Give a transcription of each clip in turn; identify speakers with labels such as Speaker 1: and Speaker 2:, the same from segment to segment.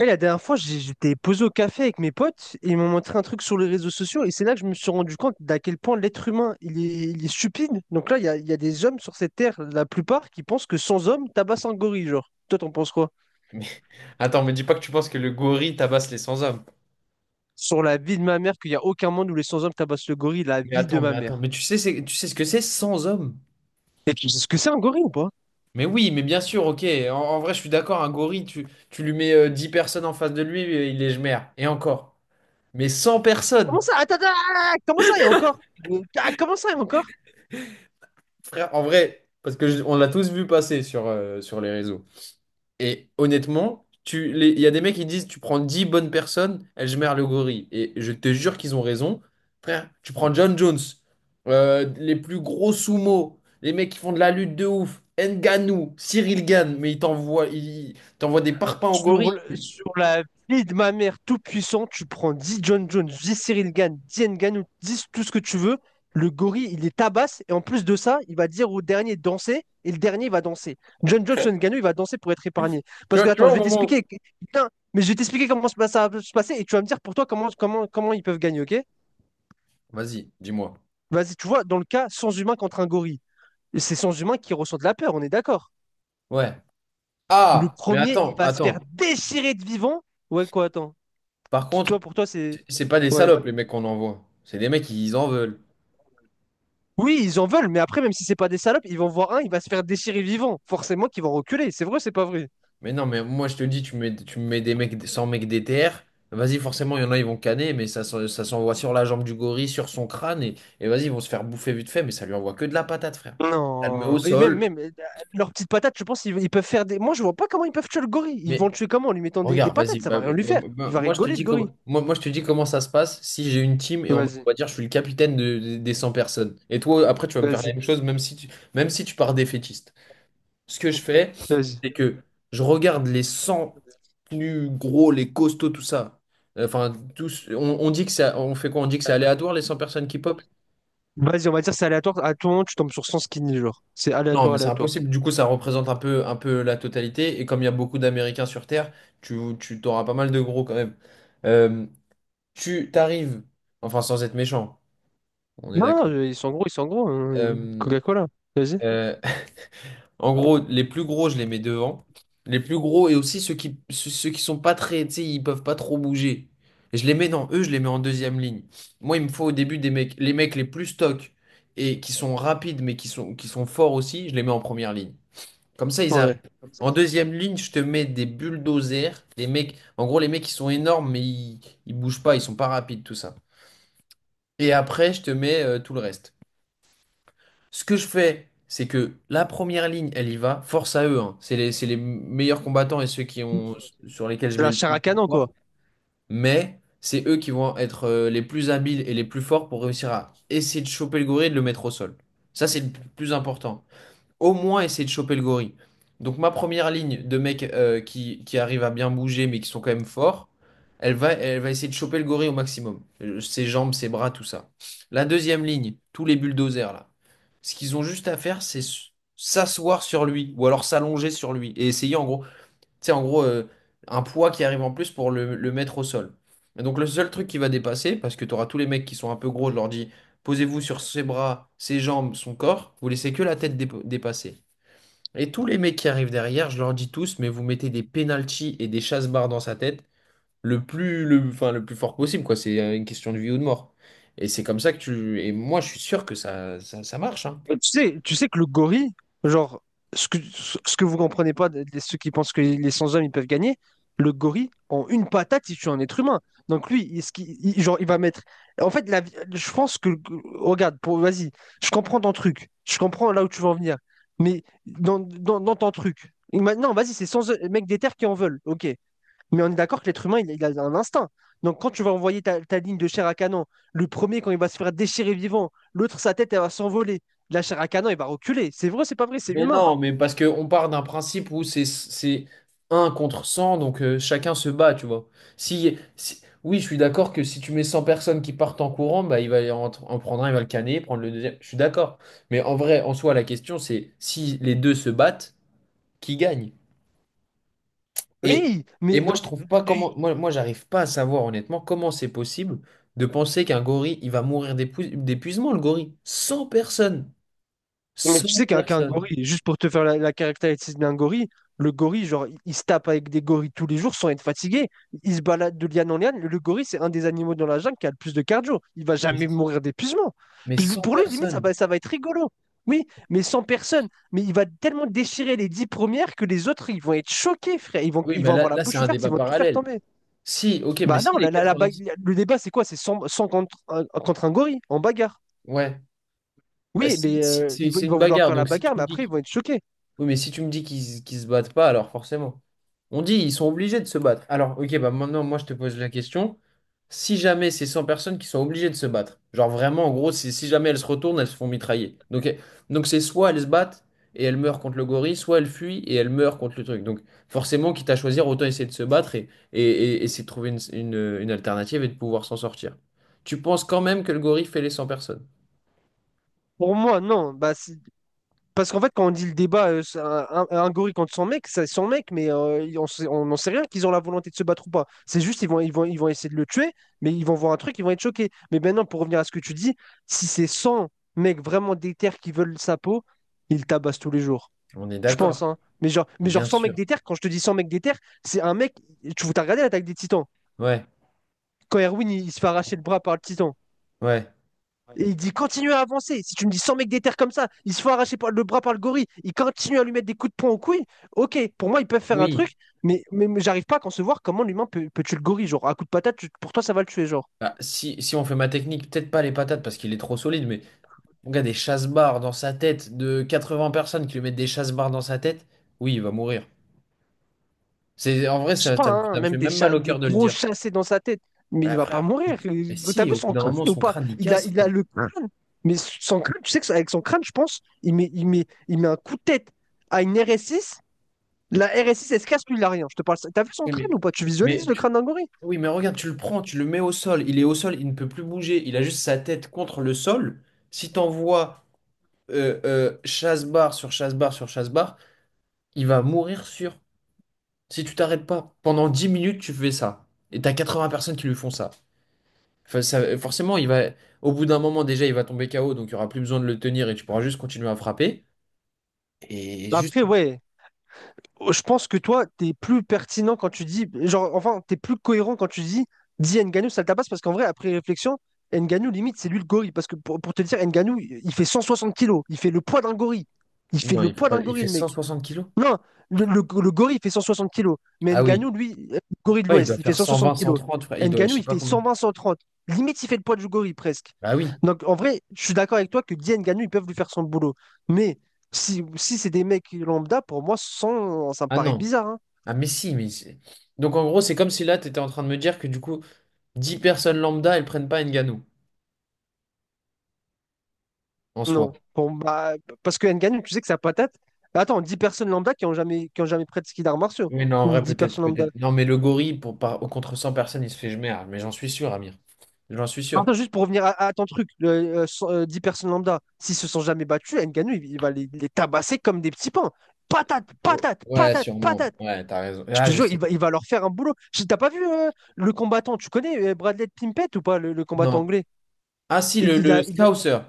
Speaker 1: Et la dernière fois, j'étais posé au café avec mes potes et ils m'ont montré un truc sur les réseaux sociaux et c'est là que je me suis rendu compte d'à quel point l'être humain, il est stupide. Donc là, il y a des hommes sur cette terre, la plupart, qui pensent que sans hommes, tabasse un gorille, genre. Toi, t'en penses quoi?
Speaker 2: Mais attends, me dis pas que tu penses que le gorille tabasse les 100 hommes.
Speaker 1: Sur la vie de ma mère, qu'il n'y a aucun monde où les sans hommes tabassent le gorille, la
Speaker 2: Mais
Speaker 1: vie de
Speaker 2: attends,
Speaker 1: ma
Speaker 2: mais attends,
Speaker 1: mère.
Speaker 2: mais tu sais, tu sais ce que c'est 100 hommes?
Speaker 1: Et tu sais ce que c'est un gorille ou pas?
Speaker 2: Mais oui, mais bien sûr, ok. En vrai, je suis d'accord, un gorille, tu lui mets 10 personnes en face de lui, il est merde. Et encore. Mais 100 personnes,
Speaker 1: Comment ça? Attends, attends, attends, comment ça, il y a encore? Ah, comment ça, il y a encore?
Speaker 2: frère, en vrai, parce que on l'a tous vu passer sur les réseaux. Et honnêtement, il y a des mecs qui disent tu prends 10 bonnes personnes, Ejmer le gorille. Et je te jure qu'ils ont raison. Frère, tu prends John Jones, les plus gros sumo, les mecs qui font de la lutte de ouf, Ngannou, Cyril Gane, mais ils t'envoient des parpaings au
Speaker 1: Sur,
Speaker 2: gorille.
Speaker 1: le-
Speaker 2: Tu
Speaker 1: sur la vie de ma mère tout puissant, tu prends 10 John Jones, 10 Cyril Gann, 10 Ngannou, 10 tout ce que tu veux. Le gorille, il les tabasse. Et en plus de ça, il va dire au dernier de danser. Et le dernier, il va danser. John Jones, John Ngannou, il va danser pour être épargné. Parce
Speaker 2: vois,
Speaker 1: que,
Speaker 2: tu
Speaker 1: attends,
Speaker 2: vois
Speaker 1: je
Speaker 2: au
Speaker 1: vais
Speaker 2: moment où...
Speaker 1: t'expliquer. Putain, mais je vais t'expliquer comment ça va se passer. Et tu vas me dire pour toi comment ils peuvent gagner, ok?
Speaker 2: Vas-y, dis-moi.
Speaker 1: Vas-y, tu vois, dans le cas, sans humain contre un gorille. C'est sans humain qui ressent de la peur, on est d'accord.
Speaker 2: Ouais.
Speaker 1: Le
Speaker 2: Ah, mais
Speaker 1: premier, il
Speaker 2: attends,
Speaker 1: va se faire
Speaker 2: attends.
Speaker 1: déchirer de vivant. Ouais, quoi, attends.
Speaker 2: Par contre,
Speaker 1: Toi, pour toi, c'est...
Speaker 2: c'est pas des
Speaker 1: Ouais.
Speaker 2: salopes les mecs qu'on envoie. C'est des mecs qui en veulent.
Speaker 1: Oui, ils en veulent, mais après, même si c'est pas des salopes, ils vont voir un, il va se faire déchirer vivant. Forcément qu'ils vont reculer. C'est vrai, ou c'est pas vrai.
Speaker 2: Mais non, mais moi je te dis, tu me mets des mecs, 100 mecs DTR, vas-y, forcément, il y en a, ils vont canner, mais ça, ça s'envoie sur la jambe du gorille, sur son crâne, et vas-y, ils vont se faire bouffer vite fait, mais ça lui envoie que de la patate, frère. Ça le met au
Speaker 1: Non. Et même,
Speaker 2: sol,
Speaker 1: même, euh, leurs petites patates, je pense qu'ils ils peuvent faire des. Moi, je vois pas comment ils peuvent tuer le gorille. Ils vont
Speaker 2: mais
Speaker 1: le tuer comment? En lui mettant des
Speaker 2: regarde, vas-y,
Speaker 1: patates, ça va rien lui faire. Il va
Speaker 2: moi, je te
Speaker 1: rigoler,
Speaker 2: dis
Speaker 1: le
Speaker 2: comment,
Speaker 1: gorille.
Speaker 2: moi, moi je te dis comment ça se passe si j'ai une team et on
Speaker 1: Vas-y,
Speaker 2: va dire, je suis le capitaine des 100 personnes. Et toi, après, tu vas me faire la
Speaker 1: vas-y,
Speaker 2: même chose, même si tu pars défaitiste. Ce que je fais, c'est
Speaker 1: vas-y.
Speaker 2: que je regarde les 100 plus gros, les costauds, tout ça. Enfin, tous, on dit que ça, on fait quoi? On dit que c'est aléatoire, les 100 personnes qui pop?
Speaker 1: Vas-y, on va dire c'est aléatoire. À tout moment, tu tombes sur 100 skinny, genre. C'est
Speaker 2: Non,
Speaker 1: aléatoire,
Speaker 2: mais c'est
Speaker 1: aléatoire.
Speaker 2: impossible. Du coup, ça représente un peu la totalité. Et comme il y a beaucoup d'Américains sur Terre, tu t'auras pas mal de gros quand même. Euh, tu t'arrives, enfin, sans être méchant, on est
Speaker 1: Non, non,
Speaker 2: d'accord.
Speaker 1: ils sont gros, ils sont gros, hein.
Speaker 2: Euh,
Speaker 1: Coca-Cola. Vas-y.
Speaker 2: euh, En gros, les plus gros, je les mets devant. Les plus gros et aussi ceux qui sont pas très, tu sais, ils peuvent pas trop bouger. Et je les mets dans eux, je les mets en deuxième ligne. Moi, il me faut au début des mecs les plus stock et qui sont rapides mais qui sont forts aussi, je les mets en première ligne. Comme ça, ils arrivent.
Speaker 1: Ouais.
Speaker 2: En deuxième ligne, je te mets des bulldozers, les mecs, en gros, les mecs qui sont énormes mais ils bougent pas, ils sont pas rapides, tout ça. Et après, je te mets tout le reste. Ce que je fais, c'est que la première ligne, elle y va. Force à eux, hein. C'est les meilleurs combattants et ceux qui ont, sur lesquels je
Speaker 1: C'est
Speaker 2: mets
Speaker 1: la
Speaker 2: le
Speaker 1: chair
Speaker 2: plus
Speaker 1: à canon,
Speaker 2: d'espoir.
Speaker 1: quoi.
Speaker 2: Mais c'est eux qui vont être les plus habiles et les plus forts pour réussir à essayer de choper le gorille et de le mettre au sol. Ça, c'est le plus important au moins essayer de choper le gorille. Donc ma première ligne de mecs qui arrivent à bien bouger mais qui sont quand même forts, elle va essayer de choper le gorille au maximum. Ses jambes, ses bras, tout ça. La deuxième ligne, tous les bulldozers là. Ce qu'ils ont juste à faire, c'est s'asseoir sur lui ou alors s'allonger sur lui et essayer en gros, tu sais, en gros, un poids qui arrive en plus pour le mettre au sol. Et donc le seul truc qui va dépasser, parce que tu auras tous les mecs qui sont un peu gros, je leur dis, posez-vous sur ses bras, ses jambes, son corps, vous laissez que la tête dépasser. Et tous les mecs qui arrivent derrière, je leur dis tous, mais vous mettez des penalties et des chasse-barres dans sa tête le plus fort possible, quoi. C'est une question de vie ou de mort. Et c'est comme ça que tu. Et moi, je suis sûr que ça marche, hein.
Speaker 1: Et tu sais que le gorille, genre, ce que vous comprenez pas, de ceux qui pensent que les sans-hommes, ils peuvent gagner, le gorille, en une patate, il tue un être humain. Donc lui, genre, il va mettre... En fait, je pense que... Regarde, pour, vas-y, je comprends ton truc. Je comprends là où tu veux en venir. Mais dans ton truc... Maintenant, vas-y, c'est sans... Mec des terres qui en veulent. Ok. Mais on est d'accord que l'être humain, il a un instinct. Donc quand tu vas envoyer ta ligne de chair à canon, le premier, quand il va se faire déchirer vivant, l'autre, sa tête, elle va s'envoler. La chair à canon, elle va reculer. C'est vrai, c'est pas vrai, c'est
Speaker 2: Mais
Speaker 1: humain.
Speaker 2: non, mais parce qu'on part d'un principe où c'est 1 contre 100, donc chacun se bat, tu vois. Oui, je suis d'accord que si tu mets 100 personnes qui partent en courant, bah, il va en prendre un, il va le canner, prendre le deuxième. Je suis d'accord. Mais en vrai, en soi, la question, c'est si les deux se battent, qui gagne? Et,
Speaker 1: Oui,
Speaker 2: et
Speaker 1: mais
Speaker 2: moi,
Speaker 1: donc,
Speaker 2: je trouve pas comment. Moi, j'arrive pas à savoir, honnêtement, comment c'est possible de penser qu'un gorille, il va mourir d'épuisement, le gorille. 100 personnes.
Speaker 1: mais tu
Speaker 2: 100
Speaker 1: sais qu'un
Speaker 2: personnes.
Speaker 1: gorille, juste pour te faire la caractéristique d'un gorille, le gorille, genre, il se tape avec des gorilles tous les jours sans être fatigué. Il se balade de liane en liane. Le gorille, c'est un des animaux dans la jungle qui a le plus de cardio. Il va jamais
Speaker 2: Mais
Speaker 1: mourir d'épuisement.
Speaker 2: mais 100
Speaker 1: Pour lui, limite, ça
Speaker 2: personnes.
Speaker 1: va, ça va être rigolo. Oui, mais sans personne. Mais il va tellement déchirer les 10 premières que les autres, ils vont être choqués, frère. Ils vont,
Speaker 2: Oui,
Speaker 1: ils
Speaker 2: mais
Speaker 1: vont
Speaker 2: là,
Speaker 1: avoir la
Speaker 2: là c'est
Speaker 1: bouche
Speaker 2: un
Speaker 1: ouverte,
Speaker 2: débat
Speaker 1: ils vont tout faire
Speaker 2: parallèle.
Speaker 1: tomber.
Speaker 2: Si, ok, mais
Speaker 1: Bah
Speaker 2: si
Speaker 1: non,
Speaker 2: les 10...
Speaker 1: le débat, c'est quoi? C'est 100, contre un gorille, en bagarre.
Speaker 2: Ouais. Bah,
Speaker 1: Oui,
Speaker 2: si,
Speaker 1: mais ils
Speaker 2: c'est
Speaker 1: vont
Speaker 2: c'est
Speaker 1: ils
Speaker 2: une
Speaker 1: vont vouloir
Speaker 2: bagarre.
Speaker 1: faire la
Speaker 2: Donc, si
Speaker 1: bagarre,
Speaker 2: tu
Speaker 1: mais
Speaker 2: me dis
Speaker 1: après, ils vont être choqués.
Speaker 2: Oui, mais si tu me dis qu'ils se battent pas, alors forcément. On dit ils sont obligés de se battre. Alors, ok, bah maintenant, moi, je te pose la question. Si jamais c'est 100 personnes qui sont obligées de se battre, genre vraiment, en gros, si jamais elles se retournent, elles se font mitrailler. Donc c'est soit elles se battent et elles meurent contre le gorille, soit elles fuient et elles meurent contre le truc. Donc, forcément, quitte à choisir, autant essayer de se battre et, et essayer de trouver une alternative et de pouvoir s'en sortir. Tu penses quand même que le gorille fait les 100 personnes?
Speaker 1: Pour moi, non. Parce qu'en fait, quand on dit le débat, c'est un gorille contre son mec, c'est son mec, mais on n'en sait rien qu'ils ont la volonté de se battre ou pas. C'est juste, ils vont essayer de le tuer, mais ils vont voir un truc, ils vont être choqués. Mais maintenant, pour revenir à ce que tu dis, si c'est 100 mecs vraiment déter qui veulent sa peau, ils tabassent tous les jours.
Speaker 2: On est
Speaker 1: Je
Speaker 2: d'accord,
Speaker 1: pense, hein. Mais genre
Speaker 2: bien
Speaker 1: 100 mecs
Speaker 2: sûr.
Speaker 1: déter, quand je te dis 100 mecs déter, c'est un mec. Tu as regardé l'attaque des Titans.
Speaker 2: Ouais,
Speaker 1: Quand Erwin, il se fait arracher le bras par le Titan.
Speaker 2: ouais.
Speaker 1: Et il dit continue à avancer. Si tu me dis 100 mecs des terres comme ça, ils se font arracher le bras par le gorille, ils continuent à lui mettre des coups de poing aux couilles. Ok, pour moi, ils peuvent faire un
Speaker 2: Oui.
Speaker 1: truc, mais j'arrive pas à concevoir comment l'humain peut, peut tuer le gorille. Genre, à coup de patate, tu- pour toi, ça va le tuer. Genre,
Speaker 2: Ah, si, si on fait ma technique, peut-être pas les patates parce qu'il est trop solide, mais on a des chasse-barres dans sa tête de 80 personnes qui lui mettent des chasse-barres dans sa tête, oui, il va mourir. C'est, en vrai,
Speaker 1: je sais
Speaker 2: ça,
Speaker 1: pas,
Speaker 2: ça, me
Speaker 1: hein,
Speaker 2: ça me
Speaker 1: même
Speaker 2: fait
Speaker 1: des,
Speaker 2: même mal au
Speaker 1: des
Speaker 2: cœur de le
Speaker 1: gros
Speaker 2: dire.
Speaker 1: chassés dans sa tête, mais il
Speaker 2: Mais
Speaker 1: va pas
Speaker 2: frère,
Speaker 1: mourir.
Speaker 2: mais
Speaker 1: T'as
Speaker 2: si,
Speaker 1: vu
Speaker 2: au bout
Speaker 1: son
Speaker 2: d'un
Speaker 1: crâne
Speaker 2: moment,
Speaker 1: ou
Speaker 2: son
Speaker 1: pas?
Speaker 2: crâne, il
Speaker 1: Il a,
Speaker 2: casse,
Speaker 1: il a
Speaker 2: frère.
Speaker 1: le crâne, mais son crâne, tu sais que avec son crâne, je pense, il met un coup de tête à une RS6. La RS6, elle se casse, lui, il a rien. Je te parle. Ça. T'as vu son
Speaker 2: Oui,
Speaker 1: crâne ou pas? Tu visualises
Speaker 2: mais
Speaker 1: le
Speaker 2: tu-
Speaker 1: crâne d'un gorille?
Speaker 2: oui, mais regarde, tu le prends, tu le mets au sol. Il est au sol, il ne peut plus bouger. Il a juste sa tête contre le sol. Si t'envoies chasse-barre sur chasse-barre sur chasse-barre, il va mourir sûr. Si tu t'arrêtes pas, pendant 10 minutes, tu fais ça. Et t'as 80 personnes qui lui font ça. Enfin, forcément, il va, au bout d'un moment, déjà, il va tomber KO, donc il n'y aura plus besoin de le tenir et tu pourras juste continuer à frapper. Et
Speaker 1: La
Speaker 2: juste.
Speaker 1: pub, oui. Je pense que toi, t'es plus pertinent quand tu dis, genre, enfin, t'es plus cohérent quand tu dis, dis Ngannou, ça le tabasse, parce qu'en vrai, après réflexion, Ngannou, limite, c'est lui le gorille. Parce que pour te dire, Ngannou, il fait 160 kilos, il fait le poids d'un gorille. Il fait
Speaker 2: Non,
Speaker 1: le
Speaker 2: il fait
Speaker 1: poids
Speaker 2: pas,
Speaker 1: d'un
Speaker 2: il
Speaker 1: gorille,
Speaker 2: fait
Speaker 1: le
Speaker 2: cent
Speaker 1: mec.
Speaker 2: soixante kilos.
Speaker 1: Non, le, le, le gorille, il fait 160 kilos. Mais
Speaker 2: Ah
Speaker 1: Ngannou,
Speaker 2: oui.
Speaker 1: lui, gorille de
Speaker 2: Ouais, il
Speaker 1: l'Ouest,
Speaker 2: doit
Speaker 1: il fait
Speaker 2: faire
Speaker 1: 160
Speaker 2: 120,
Speaker 1: kilos.
Speaker 2: 130, frère. Il doit, je
Speaker 1: Ngannou,
Speaker 2: sais
Speaker 1: il
Speaker 2: pas
Speaker 1: fait
Speaker 2: combien.
Speaker 1: 120-130. Limite, il fait le poids du gorille, presque.
Speaker 2: Ah oui.
Speaker 1: Donc, en vrai, je suis d'accord avec toi que Guy Ngannou, ils peuvent lui faire son boulot. Mais si, si c'est des mecs lambda, pour moi, sans, ça me
Speaker 2: Ah
Speaker 1: paraît
Speaker 2: non.
Speaker 1: bizarre, hein.
Speaker 2: Ah mais si, mais Donc en gros, c'est comme si là, tu étais en train de me dire que du coup, 10 personnes lambda, elles prennent pas Ngannou, en soi.
Speaker 1: Non. Bon, bah, parce que Ngannou, tu sais que sa patate... Attends, 10 personnes lambda qui ont jamais pratiqué d'arts martiaux.
Speaker 2: Oui, non, en
Speaker 1: Ou
Speaker 2: vrai,
Speaker 1: 10
Speaker 2: peut-être,
Speaker 1: personnes lambda.
Speaker 2: peut-être. Non, mais le gorille, pour, par, au contre 100 personnes, il se fait jemer, ah. Mais j'en suis sûr, Amir. J'en suis
Speaker 1: Non,
Speaker 2: sûr.
Speaker 1: attends, juste pour revenir à ton truc, 10 personnes lambda, s'ils se sont jamais battus, Ngannou, il va les tabasser comme des petits pains. Patate,
Speaker 2: Oh,
Speaker 1: patate,
Speaker 2: ouais,
Speaker 1: patate,
Speaker 2: sûrement.
Speaker 1: patate.
Speaker 2: Ouais, t'as raison.
Speaker 1: Je
Speaker 2: Ah,
Speaker 1: te
Speaker 2: je
Speaker 1: jure, il
Speaker 2: sais.
Speaker 1: va, il va leur faire un boulot. T'as pas vu le combattant, tu connais Bradley Pimpett ou pas, le combattant
Speaker 2: Non.
Speaker 1: anglais?
Speaker 2: Ah, si,
Speaker 1: Il,
Speaker 2: le,
Speaker 1: il
Speaker 2: le
Speaker 1: a, il a-
Speaker 2: Scouser.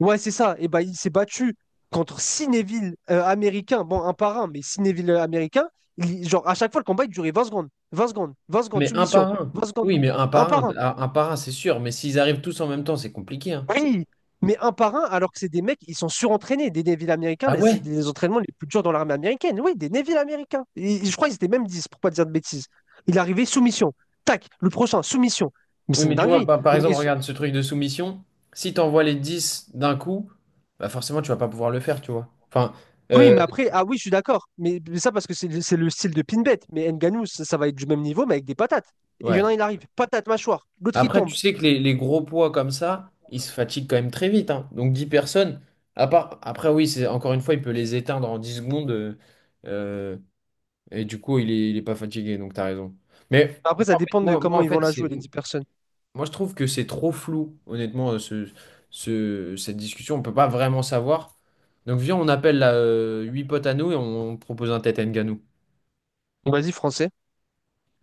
Speaker 1: Ouais, c'est ça. Et ben, il s'est battu contre six Neville américains, bon, un par un, mais six Neville américains. Genre, à chaque fois, le combat, il durait 20 secondes, 20 secondes, 20 secondes,
Speaker 2: Mais un par
Speaker 1: soumission,
Speaker 2: un.
Speaker 1: 20 secondes,
Speaker 2: Oui, mais un
Speaker 1: un
Speaker 2: par
Speaker 1: par
Speaker 2: un.
Speaker 1: un,
Speaker 2: Ah, un par un, c'est sûr. Mais s'ils arrivent tous en même temps, c'est compliqué, hein.
Speaker 1: oui, mais un par un, alors que c'est des mecs, ils sont surentraînés. Des Navy américains,
Speaker 2: Ah
Speaker 1: là, c'est
Speaker 2: ouais?
Speaker 1: des entraînements les plus durs dans l'armée américaine. Oui, des Navy américains. Je crois qu'ils étaient même 10, pour pas dire de bêtises. Il est arrivé soumission. Tac, le prochain, soumission. Mais
Speaker 2: Oui,
Speaker 1: c'est une
Speaker 2: mais tu vois,
Speaker 1: dinguerie.
Speaker 2: par
Speaker 1: Donc,
Speaker 2: exemple, regarde ce truc de soumission. Si t'envoies les 10 d'un coup, bah forcément, tu vas pas pouvoir le faire, tu vois. Enfin,
Speaker 1: oui,
Speaker 2: euh,
Speaker 1: mais après, ah oui, je suis d'accord. Parce que c'est le style de Pinbet. Mais Ngannou, ça va être du même niveau, mais avec des patates. Et il y en
Speaker 2: ouais.
Speaker 1: a un, il arrive, patate, mâchoire. L'autre, il
Speaker 2: Après,
Speaker 1: tombe.
Speaker 2: tu sais que les gros poids comme ça, ils se fatiguent quand même très vite, hein. Donc 10 personnes, à part, après oui, c'est encore une fois, il peut les éteindre en 10 secondes. Euh, et du coup, il est pas fatigué, donc t'as raison. Mais
Speaker 1: Après,
Speaker 2: moi,
Speaker 1: ça
Speaker 2: en fait,
Speaker 1: dépend de comment ils vont la jouer, les 10 personnes.
Speaker 2: moi, je trouve que c'est trop flou, honnêtement, cette discussion. On peut pas vraiment savoir. Donc viens, on appelle là, 8 potes à nous et on propose un tête à
Speaker 1: Donc, vas-y, français.